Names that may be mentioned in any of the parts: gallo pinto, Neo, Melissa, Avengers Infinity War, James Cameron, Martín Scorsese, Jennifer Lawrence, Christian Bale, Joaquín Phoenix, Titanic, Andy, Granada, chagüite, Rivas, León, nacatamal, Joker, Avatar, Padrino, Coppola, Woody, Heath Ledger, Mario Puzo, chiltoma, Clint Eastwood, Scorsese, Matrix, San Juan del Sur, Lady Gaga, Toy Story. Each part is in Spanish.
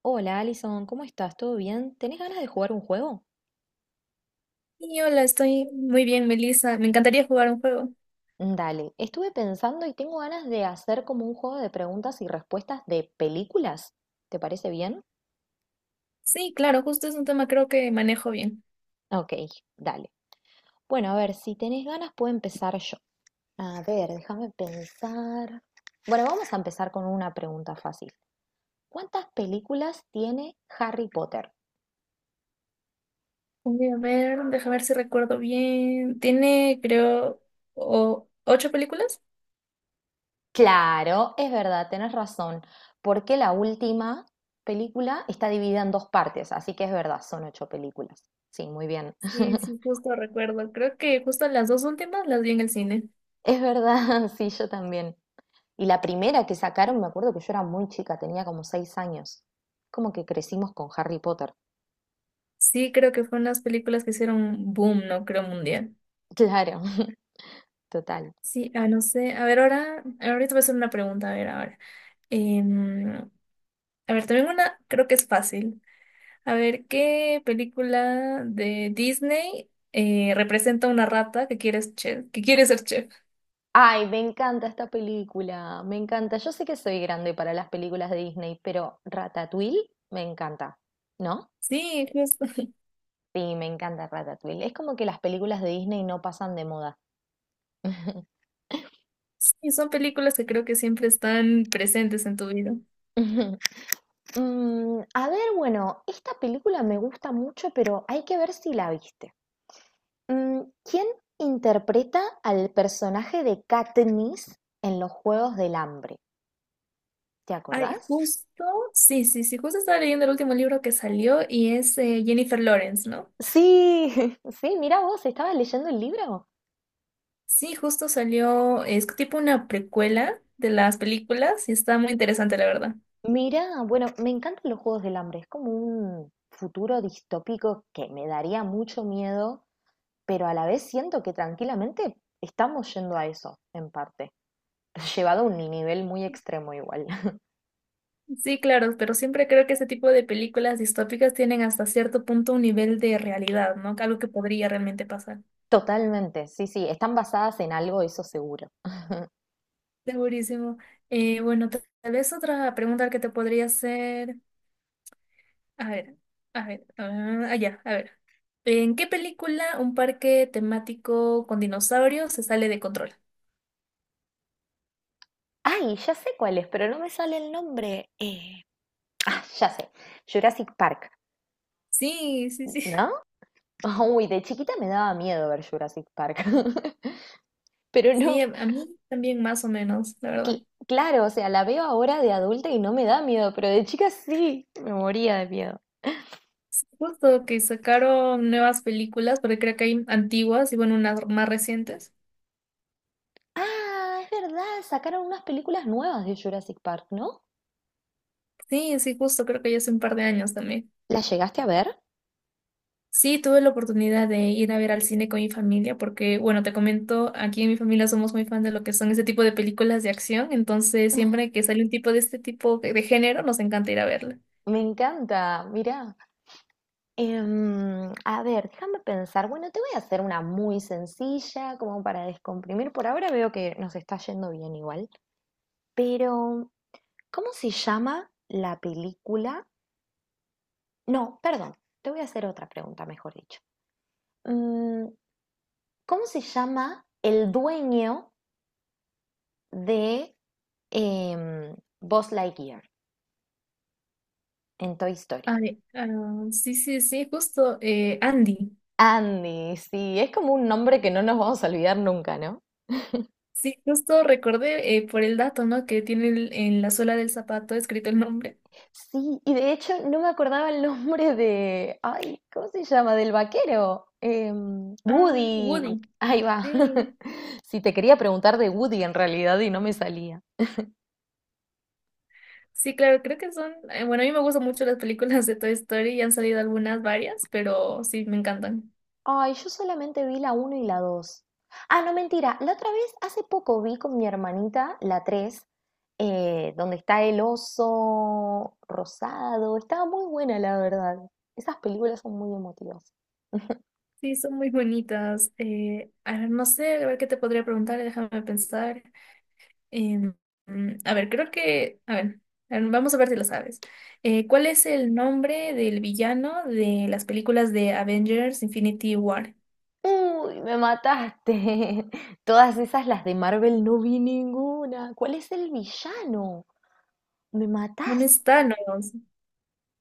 Hola Alison, ¿cómo estás? ¿Todo bien? ¿Tenés ganas de jugar un juego? Y hola, estoy muy bien, Melissa. Me encantaría jugar un juego. Dale, estuve pensando y tengo ganas de hacer como un juego de preguntas y respuestas de películas. ¿Te parece bien? Sí, claro, justo es un tema creo que manejo bien. Ok, dale. Bueno, a ver, si tenés ganas puedo empezar yo. A ver, déjame pensar. Bueno, vamos a empezar con una pregunta fácil. ¿Cuántas películas tiene Harry Potter? Voy a ver, déjame ver si recuerdo bien. Tiene, creo, ocho películas. Claro, es verdad, tenés razón, porque la última película está dividida en dos partes, así que es verdad, son 8 películas. Sí, muy bien. Sí, sí, justo recuerdo. Creo que justo las dos últimas las vi en el cine. Es verdad, sí, yo también. Y la primera que sacaron, me acuerdo que yo era muy chica, tenía como 6 años. Como que crecimos con Harry Potter. Sí, creo que fueron las películas que hicieron boom, no creo mundial. Claro, total. Sí, no sé. A ver, ahora, ahorita voy a hacer una pregunta, a ver, ahora. Em, a ver, también una, creo que es fácil. A ver, ¿qué película de Disney representa a una rata que quiere ser chef? ¿Que quiere ser chef? Ay, me encanta esta película, me encanta. Yo sé que soy grande para las películas de Disney, pero Ratatouille me encanta, ¿no? Sí, justo. Sí, me encanta Ratatouille. Es como que las películas de Disney no pasan de moda. Sí, son películas que creo que siempre están presentes en tu vida. A ver, bueno, esta película me gusta mucho, pero hay que ver si la viste. ¿Quién interpreta al personaje de Katniss en los Juegos del Hambre? ¿Te Ay, acordás? justo. Sí, sí, sí, justo estaba leyendo el último libro que salió y es Jennifer Lawrence, ¿no? Sí, sí, mira vos, estabas leyendo el libro. Sí, justo salió, es tipo una precuela de las películas y está muy interesante, la verdad. Mira, bueno, me encantan los Juegos del Hambre, es como un futuro distópico que me daría mucho miedo pero a la vez siento que tranquilamente estamos yendo a eso, en parte, llevado a un nivel muy extremo igual. Sí, claro, pero siempre creo que ese tipo de películas distópicas tienen hasta cierto punto un nivel de realidad, ¿no? Algo que podría realmente pasar. Totalmente, sí, sí, están basadas en algo, eso seguro. Segurísimo. Bueno, tal vez otra pregunta que te podría hacer. A ver, a ver, ah, ya, a ver. ¿En qué película un parque temático con dinosaurios se sale de control? Ay, ya sé cuál es, pero no me sale el nombre. Ah, ya sé, Jurassic Park, Sí, sí, sí. ¿no? Uy, de chiquita me daba miedo ver Jurassic Park. Pero Sí, a no, mí también más o menos, la verdad. Claro, o sea, la veo ahora de adulta y no me da miedo, pero de chica sí, me moría de miedo. Justo que sacaron nuevas películas, porque creo que hay antiguas y bueno, unas más recientes. Ah, es verdad, sacaron unas películas nuevas de Jurassic Park, ¿no? Sí, sí, justo, creo que ya hace un par de años también. ¿La llegaste a ver? Sí, tuve la oportunidad de ir a ver al cine con mi familia porque, bueno, te comento, aquí en mi familia somos muy fan de lo que son ese tipo de películas de acción, entonces siempre que sale un tipo de este tipo de género, nos encanta ir a verla. Me encanta, mirá. A ver, déjame pensar. Bueno, te voy a hacer una muy sencilla, como para descomprimir. Por ahora veo que nos está yendo bien igual. Pero, ¿cómo se llama la película? No, perdón, te voy a hacer otra pregunta, mejor dicho. Mm, ¿Cómo se llama el dueño de em, Buzz Lightyear en Toy Story? Ay, sí, sí, sí, justo, Andy. Andy, sí, es como un nombre que no nos vamos a olvidar nunca, ¿no? Sí, justo recordé por el dato, ¿no? Que tiene en la suela del zapato escrito el nombre. Sí, y de hecho no me acordaba el nombre de, ay, ¿cómo se llama? Del vaquero. Ah, Woody. Woody. Ahí va. Sí. Si te quería preguntar de Woody en realidad y no me salía. Sí, claro, creo que son, bueno, a mí me gustan mucho las películas de Toy Story y han salido algunas, varias, pero sí, me encantan. Ay, yo solamente vi la uno y la 2. Ah, no, mentira. La otra vez, hace poco vi con mi hermanita la 3, donde está el oso rosado. Estaba muy buena, la verdad. Esas películas son muy emotivas. Sí, son muy bonitas. A ver, no sé, a ver qué te podría preguntar, déjame pensar. Em, a ver, creo que, a ver, vamos a ver si lo sabes. ¿Cuál es el nombre del villano de las películas de Avengers Infinity War? Uy, me mataste. Todas esas, las de Marvel, no vi ninguna. ¿Cuál es el villano? Me Bueno, mataste. es Thanos.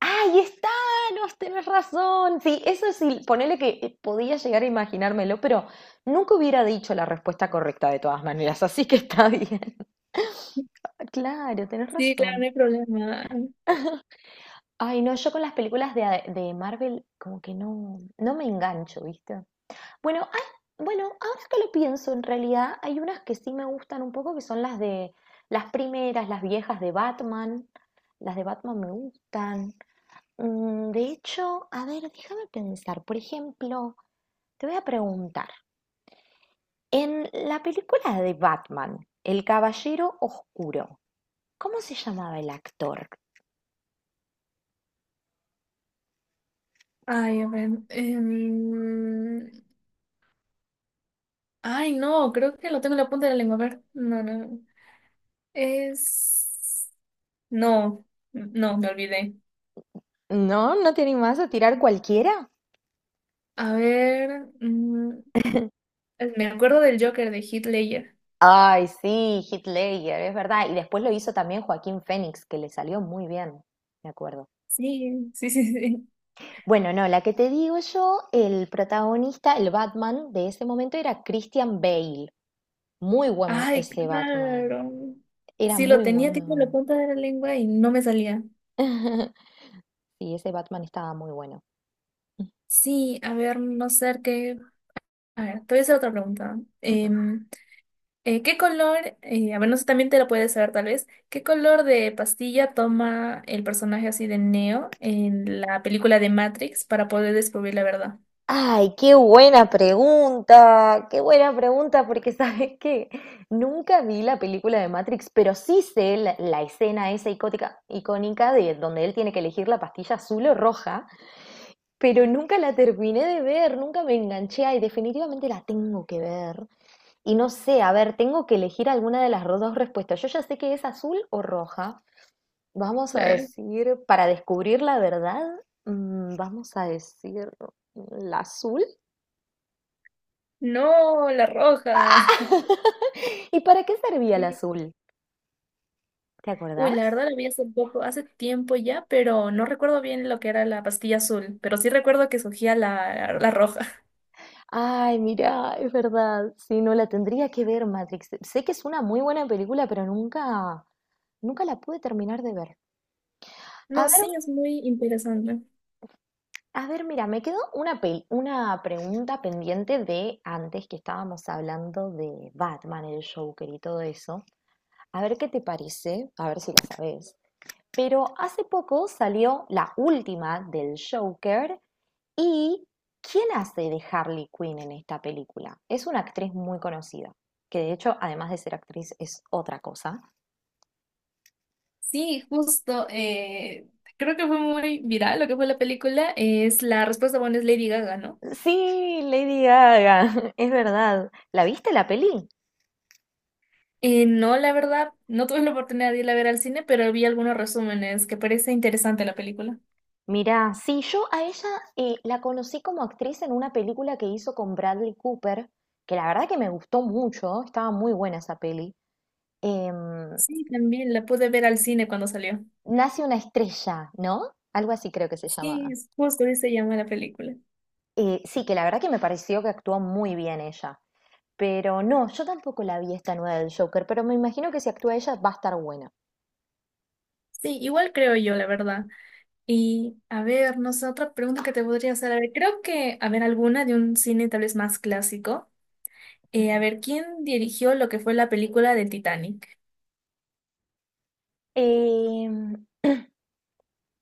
¡Ay, es Thanos! Tenés razón. Sí, eso sí, ponele que podía llegar a imaginármelo, pero nunca hubiera dicho la respuesta correcta de todas maneras, así que está bien. Claro, tenés Sí, claro, no razón. hay problema. Ay, no, yo con las películas de Marvel como que no, no me engancho, ¿viste? Bueno, bueno, ahora que lo pienso, en realidad hay unas que sí me gustan un poco, que son las de las primeras, las viejas de Batman. Las de Batman me gustan. De hecho, a ver, déjame pensar. Por ejemplo, te voy a preguntar, en la película de Batman, El Caballero Oscuro, ¿cómo se llamaba el actor? Ay, a ver. Ay, no, creo que lo tengo en la punta de la lengua. A ver, no, no. No. Es... No, no, me olvidé. ¿No? ¿No te animás a tirar cualquiera? A ver, me acuerdo del Joker de Heath Ledger. Ay, sí, Heath Ledger, es verdad. Y después lo hizo también Joaquín Phoenix, que le salió muy bien, me acuerdo. Sí, sí, sí, sí. Bueno, no, la que te digo yo, el protagonista, el Batman de ese momento era Christian Bale. Muy buen Ay, ese Batman. claro. Era Sí, lo muy tenía tipo en la bueno. punta de la lengua y no me salía. Sí, ese Batman estaba muy bueno. Sí, a ver, no sé qué. A ver, te voy a hacer otra pregunta. ¿Qué color, a ver, no sé, también te lo puedes saber tal vez, ¿qué color de pastilla toma el personaje así de Neo en la película de Matrix para poder descubrir la verdad? Ay, qué buena pregunta, porque ¿sabes qué? Nunca vi la película de Matrix, pero sí sé la, la escena esa icótica, icónica de donde él tiene que elegir la pastilla azul o roja, pero nunca la terminé de ver, nunca me enganché y definitivamente la tengo que ver. Y no sé, a ver, tengo que elegir alguna de las dos respuestas. Yo ya sé que es azul o roja. Vamos a La- decir, para descubrir la verdad, vamos a decir la azul. No, la roja. Ah, ¿Y para qué servía el Sí. azul? ¿Te Uy, la acordás? verdad la vi hace poco, hace tiempo ya, pero no recuerdo bien lo que era la pastilla azul, pero sí recuerdo que surgía la, la roja. Ay, mira, es verdad. Sí, no la tendría que ver Matrix. Sé que es una muy buena película, pero nunca, nunca la pude terminar de ver. A No, ver, sí, es muy interesante. a ver, mira, me quedó una una pregunta pendiente de antes que estábamos hablando de Batman, el Joker y todo eso. A ver qué te parece, a ver si la sabes. Pero hace poco salió la última del Joker. ¿Y quién hace de Harley Quinn en esta película? Es una actriz muy conocida, que de hecho, además de ser actriz, es otra cosa. Sí, justo. Creo que fue muy viral lo que fue la película. Es la respuesta, bueno, es Lady Gaga, ¿no? Sí, Lady Gaga, es verdad. ¿La viste la peli? No, la verdad, no tuve la oportunidad de ir a ver al cine, pero vi algunos resúmenes que parece interesante la película. Mirá, sí, yo a ella la conocí como actriz en una película que hizo con Bradley Cooper, que la verdad que me gustó mucho, estaba muy buena esa peli. Em, Sí, también la pude ver al cine cuando salió. Nace una estrella, ¿no? Algo así creo que se Sí, llama. es justo así se llama la película. Sí, que la verdad que me pareció que actuó muy bien ella. Pero no, yo tampoco la vi esta nueva del Joker, pero me imagino que si actúa ella va a estar buena. Sí, igual creo yo, la verdad. Y a ver, no sé, otra pregunta que te podría hacer. A ver, creo que, a ver, alguna de un cine tal vez más clásico. Ujú. A ver, ¿quién dirigió lo que fue la película de Titanic? Em,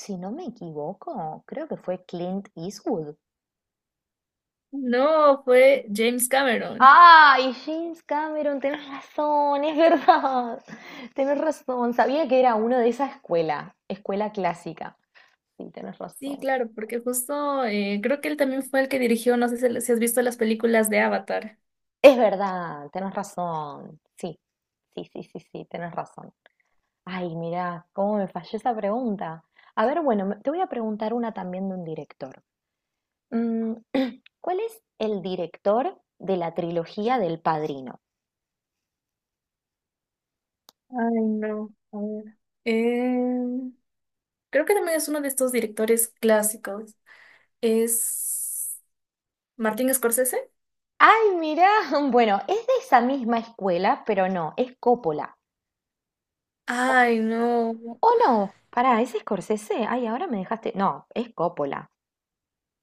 si no me equivoco, creo que fue Clint Eastwood. No, fue James Cameron. Ah, y James Cameron, tenés razón, es verdad. Tenés razón, sabía que era uno de esa escuela, escuela clásica. Sí, tenés Sí, razón. claro, porque justo creo que él también fue el que dirigió, no sé si has visto las películas de Avatar. Es verdad, tenés razón. Sí, sí, tenés razón. Ay, mirá, cómo me falló esa pregunta. A ver, bueno, te voy a preguntar una también de un director. Mm, ¿cuál es el director de la trilogía del Padrino? Ay, no, a ver. Eh, creo que también es uno de estos directores clásicos. Es Martín Scorsese. Ay, mirá, bueno, es de esa misma escuela, pero no, es Coppola. ¿O Ay, no. No? Pará, ¿es Scorsese? Ay, ahora me dejaste. No, es Coppola,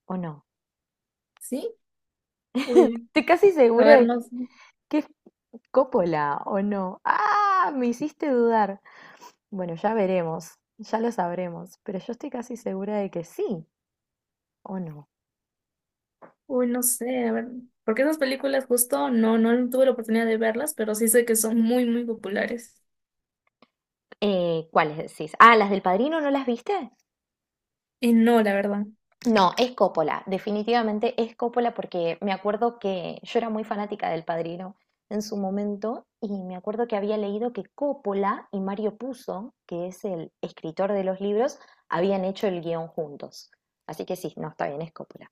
¿o no? ¿Sí? Uy, Estoy casi a segura ver, de no, sé. que es Coppola o no. Ah, me hiciste dudar. Bueno, ya veremos, ya lo sabremos, pero yo estoy casi segura de que sí o no. Uy, no sé, a ver, porque esas películas justo no tuve la oportunidad de verlas, pero sí sé que son muy, muy populares. ¿Cuáles decís? Ah, ¿las del Padrino no las viste? Y no, la verdad. No, es Coppola, definitivamente es Coppola porque me acuerdo que yo era muy fanática del Padrino en su momento y me acuerdo que había leído que Coppola y Mario Puzo, que es el escritor de los libros, habían hecho el guión juntos. Así que sí, no, está bien, es Coppola.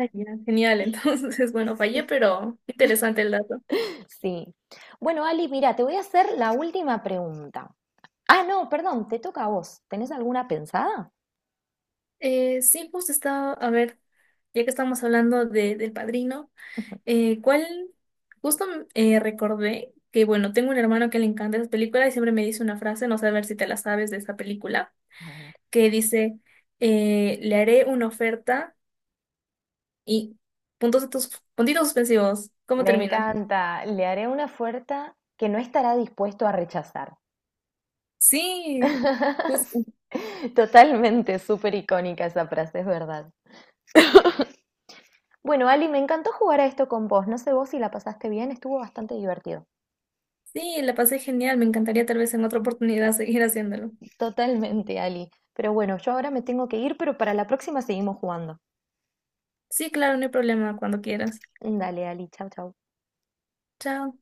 Ay, ya, genial, entonces, bueno, fallé, pero interesante el dato. Sí. Bueno, Ali, mira, te voy a hacer la última pregunta. Ah, no, perdón, te toca a vos. ¿Tenés alguna pensada? Sí, pues estaba, a ver, ya que estamos hablando del Padrino, ¿cuál? Justo recordé que, bueno, tengo un hermano que le encanta esas películas y siempre me dice una frase, no sé a ver si te la sabes de esa película, A ver, que dice, le haré una oferta y puntos de tus, puntitos suspensivos. ¿Cómo me termina? encanta. Le haré una oferta que no estará dispuesto a rechazar. Sí, justo. Totalmente, súper icónica esa frase, es verdad. Bueno, Ali, me encantó jugar a esto con vos. No sé vos si la pasaste bien, estuvo bastante divertido. Sí, la pasé genial, me encantaría tal vez en otra oportunidad seguir haciéndolo. Totalmente, Ali. Pero bueno, yo ahora me tengo que ir, pero para la próxima seguimos jugando. Sí, claro, no hay problema, cuando quieras. Dale, Ali, chau, chau. Chao.